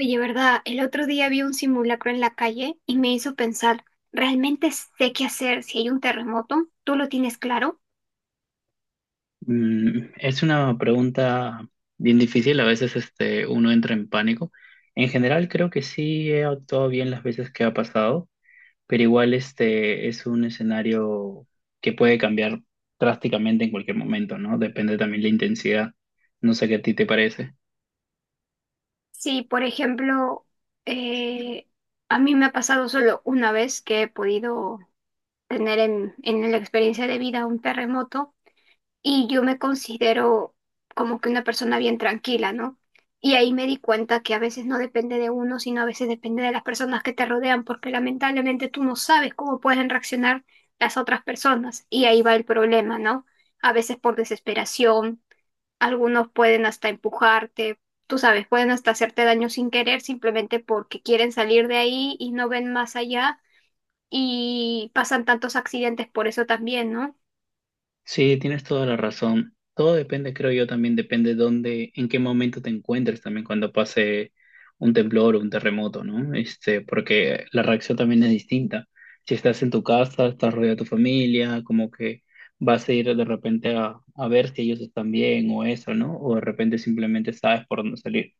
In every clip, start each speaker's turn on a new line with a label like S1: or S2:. S1: Oye, ¿verdad? El otro día vi un simulacro en la calle y me hizo pensar, ¿realmente sé qué hacer si hay un terremoto? ¿Tú lo tienes claro?
S2: Mm, es una pregunta bien difícil. A veces uno entra en pánico. En general creo que sí he actuado bien las veces que ha pasado, pero igual este es un escenario que puede cambiar drásticamente en cualquier momento, ¿no? Depende también la intensidad. No sé qué a ti te parece.
S1: Sí, por ejemplo, eh, a mí me ha pasado solo una vez que he podido tener en la experiencia de vida un terremoto y yo me considero como que una persona bien tranquila, ¿no? Y ahí me di cuenta que a veces no depende de uno, sino a veces depende de las personas que te rodean, porque lamentablemente tú no sabes cómo pueden reaccionar las otras personas. Y ahí va el problema, ¿no? A veces por desesperación, algunos pueden hasta empujarte, tú sabes, pueden hasta hacerte daño sin querer, simplemente porque quieren salir de ahí y no ven más allá. Y pasan tantos accidentes por eso también, ¿no?
S2: Sí, tienes toda la razón. Todo depende, creo yo, también depende dónde, en qué momento te encuentres también cuando pase un temblor o un terremoto, ¿no? Porque la reacción también es distinta. Si estás en tu casa, estás rodeado de tu familia, como que vas a ir de repente a ver si ellos están bien o eso, ¿no? O de repente simplemente sabes por dónde salir.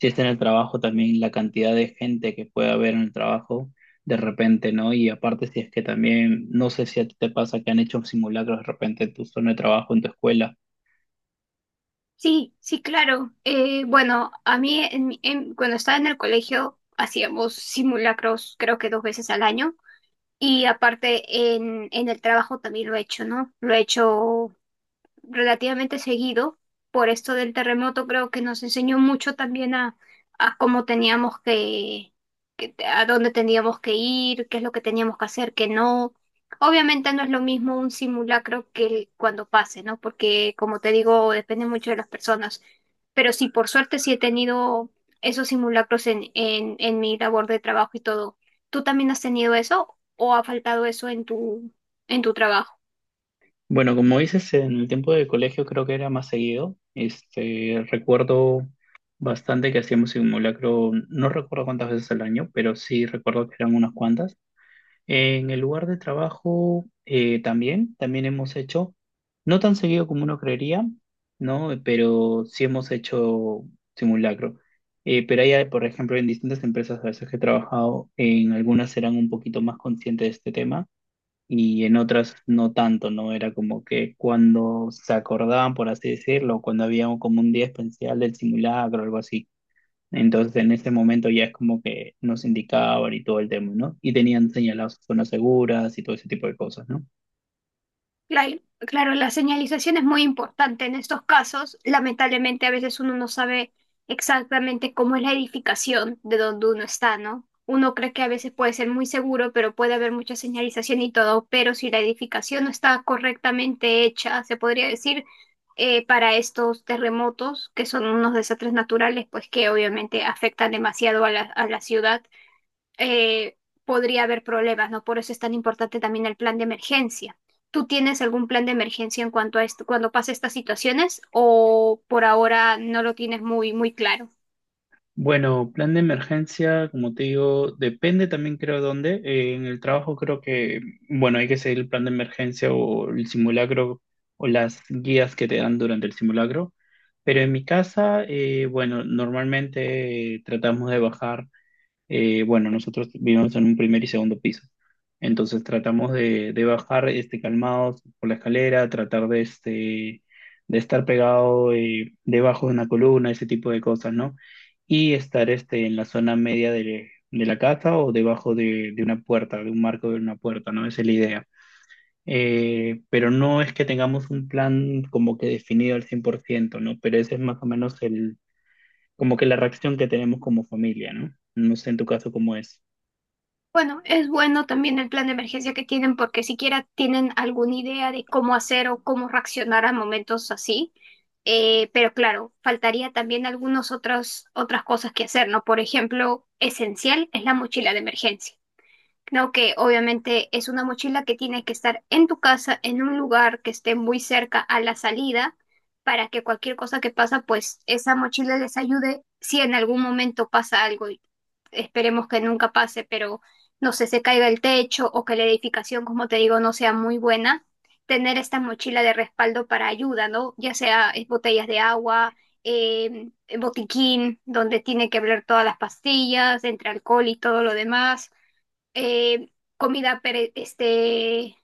S2: Si estás en el trabajo, también la cantidad de gente que puede haber en el trabajo de repente, ¿no? Y aparte, si es que también, no sé si a ti te pasa que han hecho simulacros de repente en tu zona de trabajo, en tu escuela.
S1: Sí, sí, claro. Bueno, a mí cuando estaba en el colegio hacíamos simulacros creo que dos veces al año y aparte en el trabajo también lo he hecho, ¿no? Lo he hecho relativamente seguido. Por esto del terremoto creo que nos enseñó mucho también a cómo teníamos a dónde teníamos que ir, qué es lo que teníamos que hacer, qué no. Obviamente no es lo mismo un simulacro que cuando pase, ¿no? Porque como te digo, depende mucho de las personas. Pero sí, por suerte sí he tenido esos simulacros en mi labor de trabajo y todo. ¿Tú también has tenido eso o ha faltado eso en en tu trabajo?
S2: Bueno, como dices, en el tiempo de colegio creo que era más seguido. Recuerdo bastante que hacíamos simulacro, no recuerdo cuántas veces al año, pero sí recuerdo que eran unas cuantas. En el lugar de trabajo también hemos hecho, no tan seguido como uno creería, ¿no? Pero sí hemos hecho simulacro. Pero hay, por ejemplo, en distintas empresas a veces que he trabajado, en algunas eran un poquito más conscientes de este tema y en otras no tanto, ¿no? Era como que cuando se acordaban, por así decirlo, cuando había como un día especial del simulacro o algo así. Entonces, en ese momento ya es como que nos indicaban y todo el tema, ¿no? Y tenían señaladas zonas seguras y todo ese tipo de cosas, ¿no?
S1: Claro, claro, la señalización es muy importante en estos casos. Lamentablemente, a veces uno no sabe exactamente cómo es la edificación de donde uno está, ¿no? Uno cree que a veces puede ser muy seguro, pero puede haber mucha señalización y todo, pero si la edificación no está correctamente hecha, se podría decir, para estos terremotos, que son unos desastres naturales, pues que obviamente afectan demasiado a a la ciudad eh, podría haber problemas, ¿no? Por eso es tan importante también el plan de emergencia. ¿Tú tienes algún plan de emergencia en cuanto a esto, cuando pasa estas situaciones o por ahora no lo tienes muy claro?
S2: Bueno, plan de emergencia, como te digo, depende también creo dónde. En el trabajo creo que, bueno, hay que seguir el plan de emergencia o el simulacro o las guías que te dan durante el simulacro. Pero en mi casa, bueno, normalmente tratamos de bajar. Bueno, nosotros vivimos en un primer y segundo piso. Entonces tratamos de bajar calmados por la escalera, tratar de, de estar pegado debajo de una columna, ese tipo de cosas, ¿no? Y estar en la zona media de la casa o debajo de una puerta, de un marco de una puerta, ¿no? Esa es la idea. Pero no es que tengamos un plan como que definido al 100%, ¿no? Pero ese es más o menos el, como que la reacción que tenemos como familia, ¿no? No sé en tu caso cómo es.
S1: Bueno, es bueno también el plan de emergencia que tienen porque siquiera tienen alguna idea de cómo hacer o cómo reaccionar a momentos así. Pero claro, faltaría también algunas otras cosas que hacer, ¿no? Por ejemplo, esencial es la mochila de emergencia. Creo que obviamente es una mochila que tiene que estar en tu casa, en un lugar que esté muy cerca a la salida, para que cualquier cosa que pasa, pues esa mochila les ayude si en algún momento pasa algo. Y esperemos que nunca pase, pero no sé, se caiga el techo o que la edificación, como te digo, no sea muy buena. Tener esta mochila de respaldo para ayuda, ¿no? Ya sea botellas de agua, eh, botiquín, donde tiene que hablar todas las pastillas, entre alcohol y todo lo demás, eh, comida pere- este,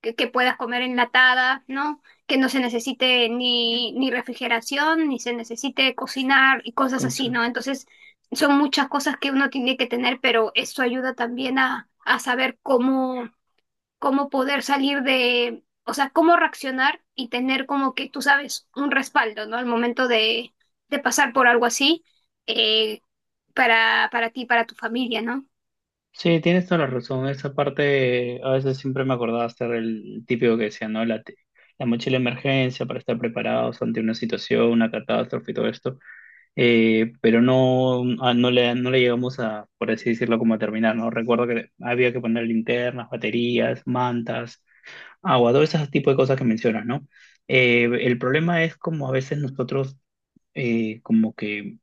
S1: que puedas comer enlatada, ¿no? Que no se necesite ni refrigeración, ni se necesite cocinar y cosas
S2: Con
S1: así,
S2: Zoro.
S1: ¿no? Entonces, son muchas cosas que uno tiene que tener, pero eso ayuda también a saber cómo, cómo poder salir de, o sea, cómo reaccionar y tener como que, tú sabes, un respaldo, ¿no? Al momento de pasar por algo así, eh, para ti, para tu familia, ¿no?
S2: Sí, tienes toda la razón. Esa parte a veces siempre me acordaba estar el típico que decía, ¿no? La mochila de emergencia para estar preparados ante una situación, una catástrofe y todo esto. Pero no, no le, no le llegamos a, por así decirlo, como a terminar, ¿no? Recuerdo que había que poner linternas, baterías, mantas, agua, todo ese tipo de cosas que mencionas, ¿no? El problema es como a veces nosotros como que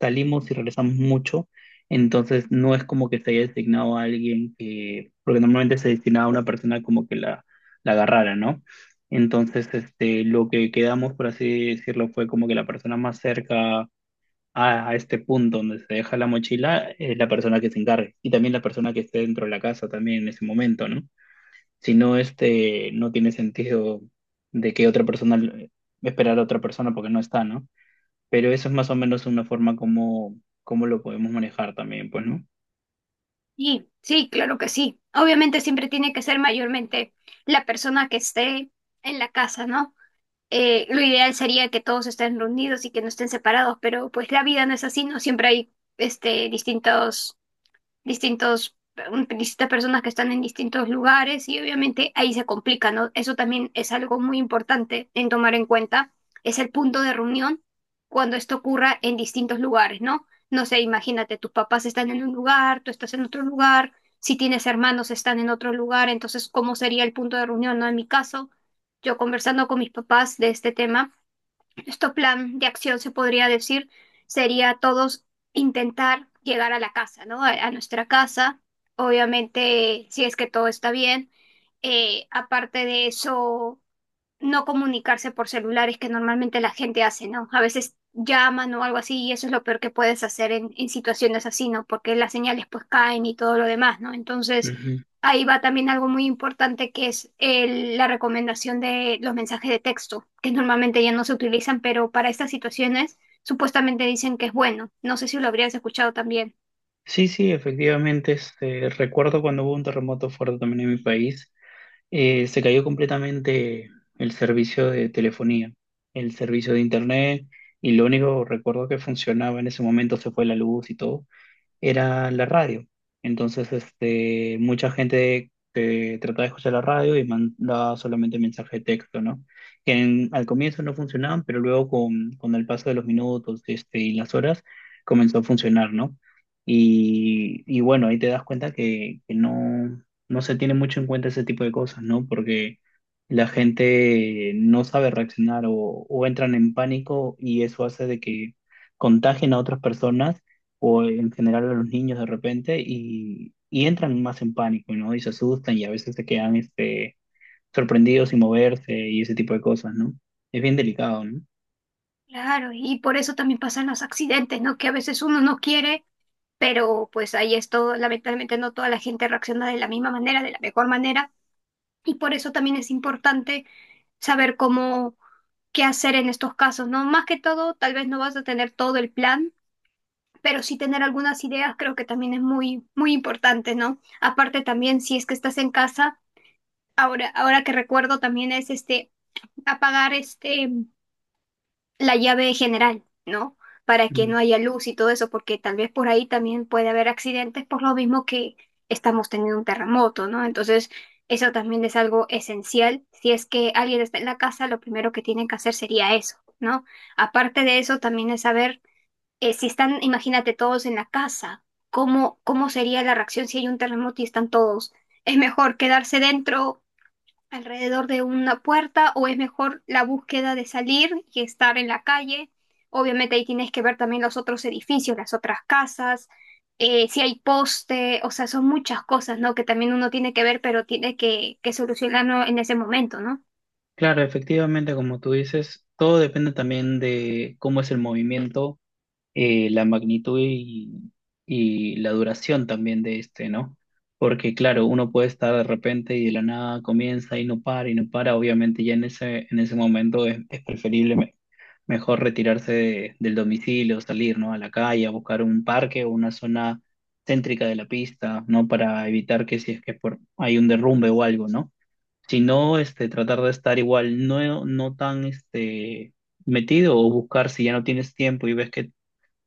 S2: salimos y regresamos mucho, entonces no es como que se haya designado a alguien que, porque normalmente se destinaba a una persona como que la agarrara, ¿no? Entonces, lo que quedamos, por así decirlo, fue como que la persona más cerca a este punto donde se deja la mochila es la persona que se encargue y también la persona que esté dentro de la casa también en ese momento, ¿no? Si no, no tiene sentido de que otra persona esperar a otra persona porque no está, ¿no? Pero eso es más o menos una forma como, como lo podemos manejar también, pues, ¿no?
S1: Sí, sí, claro que sí. Obviamente siempre tiene que ser mayormente la persona que esté en la casa, ¿no? Lo ideal sería que todos estén reunidos y que no estén separados, pero pues la vida no es así, ¿no? Siempre hay este, distintos, distintas personas que están en distintos lugares y obviamente ahí se complica, ¿no? Eso también es algo muy importante en tomar en cuenta, es el punto de reunión cuando esto ocurra en distintos lugares, ¿no? No sé, imagínate, tus papás están en un lugar, tú estás en otro lugar, si tienes hermanos están en otro lugar, entonces, ¿cómo sería el punto de reunión, ¿no? En mi caso, yo conversando con mis papás de este tema. Nuestro plan de acción, se podría decir, sería todos intentar llegar a la casa, ¿no? A nuestra casa, obviamente, si es que todo está bien. Aparte de eso, no comunicarse por celulares que normalmente la gente hace, ¿no? A veces llaman o algo así y eso es lo peor que puedes hacer en situaciones así, ¿no? Porque las señales pues caen y todo lo demás, ¿no? Entonces
S2: Ujú.
S1: ahí va también algo muy importante que es la recomendación de los mensajes de texto, que normalmente ya no se utilizan, pero para estas situaciones supuestamente dicen que es bueno. No sé si lo habrías escuchado también.
S2: Sí, efectivamente. Recuerdo cuando hubo un terremoto fuerte también en mi país, se cayó completamente el servicio de telefonía, el servicio de internet, y lo único recuerdo que funcionaba en ese momento, se fue la luz y todo, era la radio. Entonces, mucha gente que trataba de escuchar la radio y mandaba solamente mensaje de texto, ¿no? Que al comienzo no funcionaban, pero luego con el paso de los minutos, y las horas, comenzó a funcionar, ¿no? Y bueno, ahí te das cuenta que no, no se tiene mucho en cuenta ese tipo de cosas, ¿no? Porque la gente no sabe reaccionar o entran en pánico y eso hace de que contagien a otras personas o en general a los niños de repente y entran más en pánico, ¿no? Y se asustan y a veces se quedan sorprendidos sin moverse y ese tipo de cosas, ¿no? Es bien delicado, ¿no?
S1: Claro, y por eso también pasan los accidentes, ¿no? Que a veces uno no quiere, pero pues ahí esto, lamentablemente no toda la gente reacciona de la misma manera, de la mejor manera, y por eso también es importante saber cómo, qué hacer en estos casos, ¿no? Más que todo, tal vez no vas a tener todo el plan, pero sí tener algunas ideas creo que también es muy, muy importante, ¿no? Aparte también, si es que estás en casa, ahora que recuerdo también es este, apagar este la llave general, ¿no? Para que no
S2: Mm.
S1: haya luz y todo eso, porque tal vez por ahí también puede haber accidentes por lo mismo que estamos teniendo un terremoto, ¿no? Entonces, eso también es algo esencial. Si es que alguien está en la casa, lo primero que tienen que hacer sería eso, ¿no? Aparte de eso, también es saber si están, imagínate, todos en la casa, ¿cómo, cómo sería la reacción si hay un terremoto y están todos? ¿Es mejor quedarse dentro, alrededor de una puerta, o es mejor la búsqueda de salir y estar en la calle? Obviamente ahí tienes que ver también los otros edificios, las otras casas, si hay poste, o sea, son muchas cosas, ¿no? Que también uno tiene que ver, pero tiene que solucionarlo en ese momento, ¿no?
S2: Claro, efectivamente, como tú dices, todo depende también de cómo es el movimiento, la magnitud y la duración también de este, ¿no? Porque claro, uno puede estar de repente y de la nada comienza y no para y no para. Obviamente ya en en ese momento es preferible mejor retirarse del domicilio, salir, ¿no? A la calle, a buscar un parque o una zona céntrica de la pista, ¿no? Para evitar que si es que por, hay un derrumbe o algo, ¿no? Si no, tratar de estar igual, no, no tan, metido o buscar si ya no tienes tiempo y ves que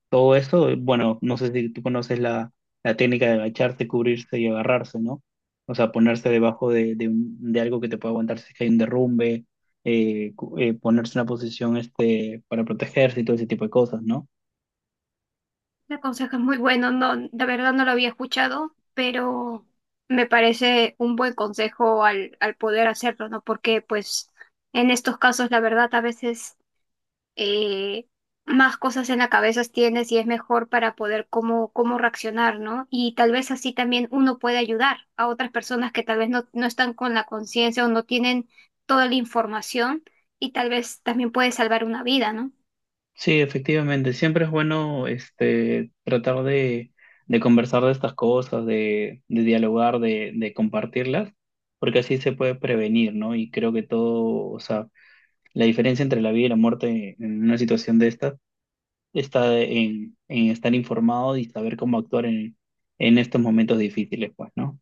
S2: todo eso, bueno, no sé si tú conoces la técnica de agacharse, cubrirse y agarrarse, ¿no? O sea, ponerse debajo de algo que te pueda aguantar si es que hay un derrumbe, ponerse en una posición para protegerse y todo ese tipo de cosas, ¿no?
S1: El consejo es muy bueno, no, de verdad no lo había escuchado, pero me parece un buen consejo al poder hacerlo, ¿no? Porque pues en estos casos la verdad a veces eh, más cosas en la cabeza tienes y es mejor para poder cómo, cómo reaccionar, ¿no? Y tal vez así también uno puede ayudar a otras personas que tal vez no están con la conciencia o no tienen toda la información y tal vez también puede salvar una vida, ¿no?
S2: Sí, efectivamente, siempre es bueno tratar de conversar de estas cosas, de dialogar, de compartirlas, porque así se puede prevenir, ¿no? Y creo que todo, o sea, la diferencia entre la vida y la muerte en una situación de estas está en estar informado y saber cómo actuar en estos momentos difíciles, pues, ¿no?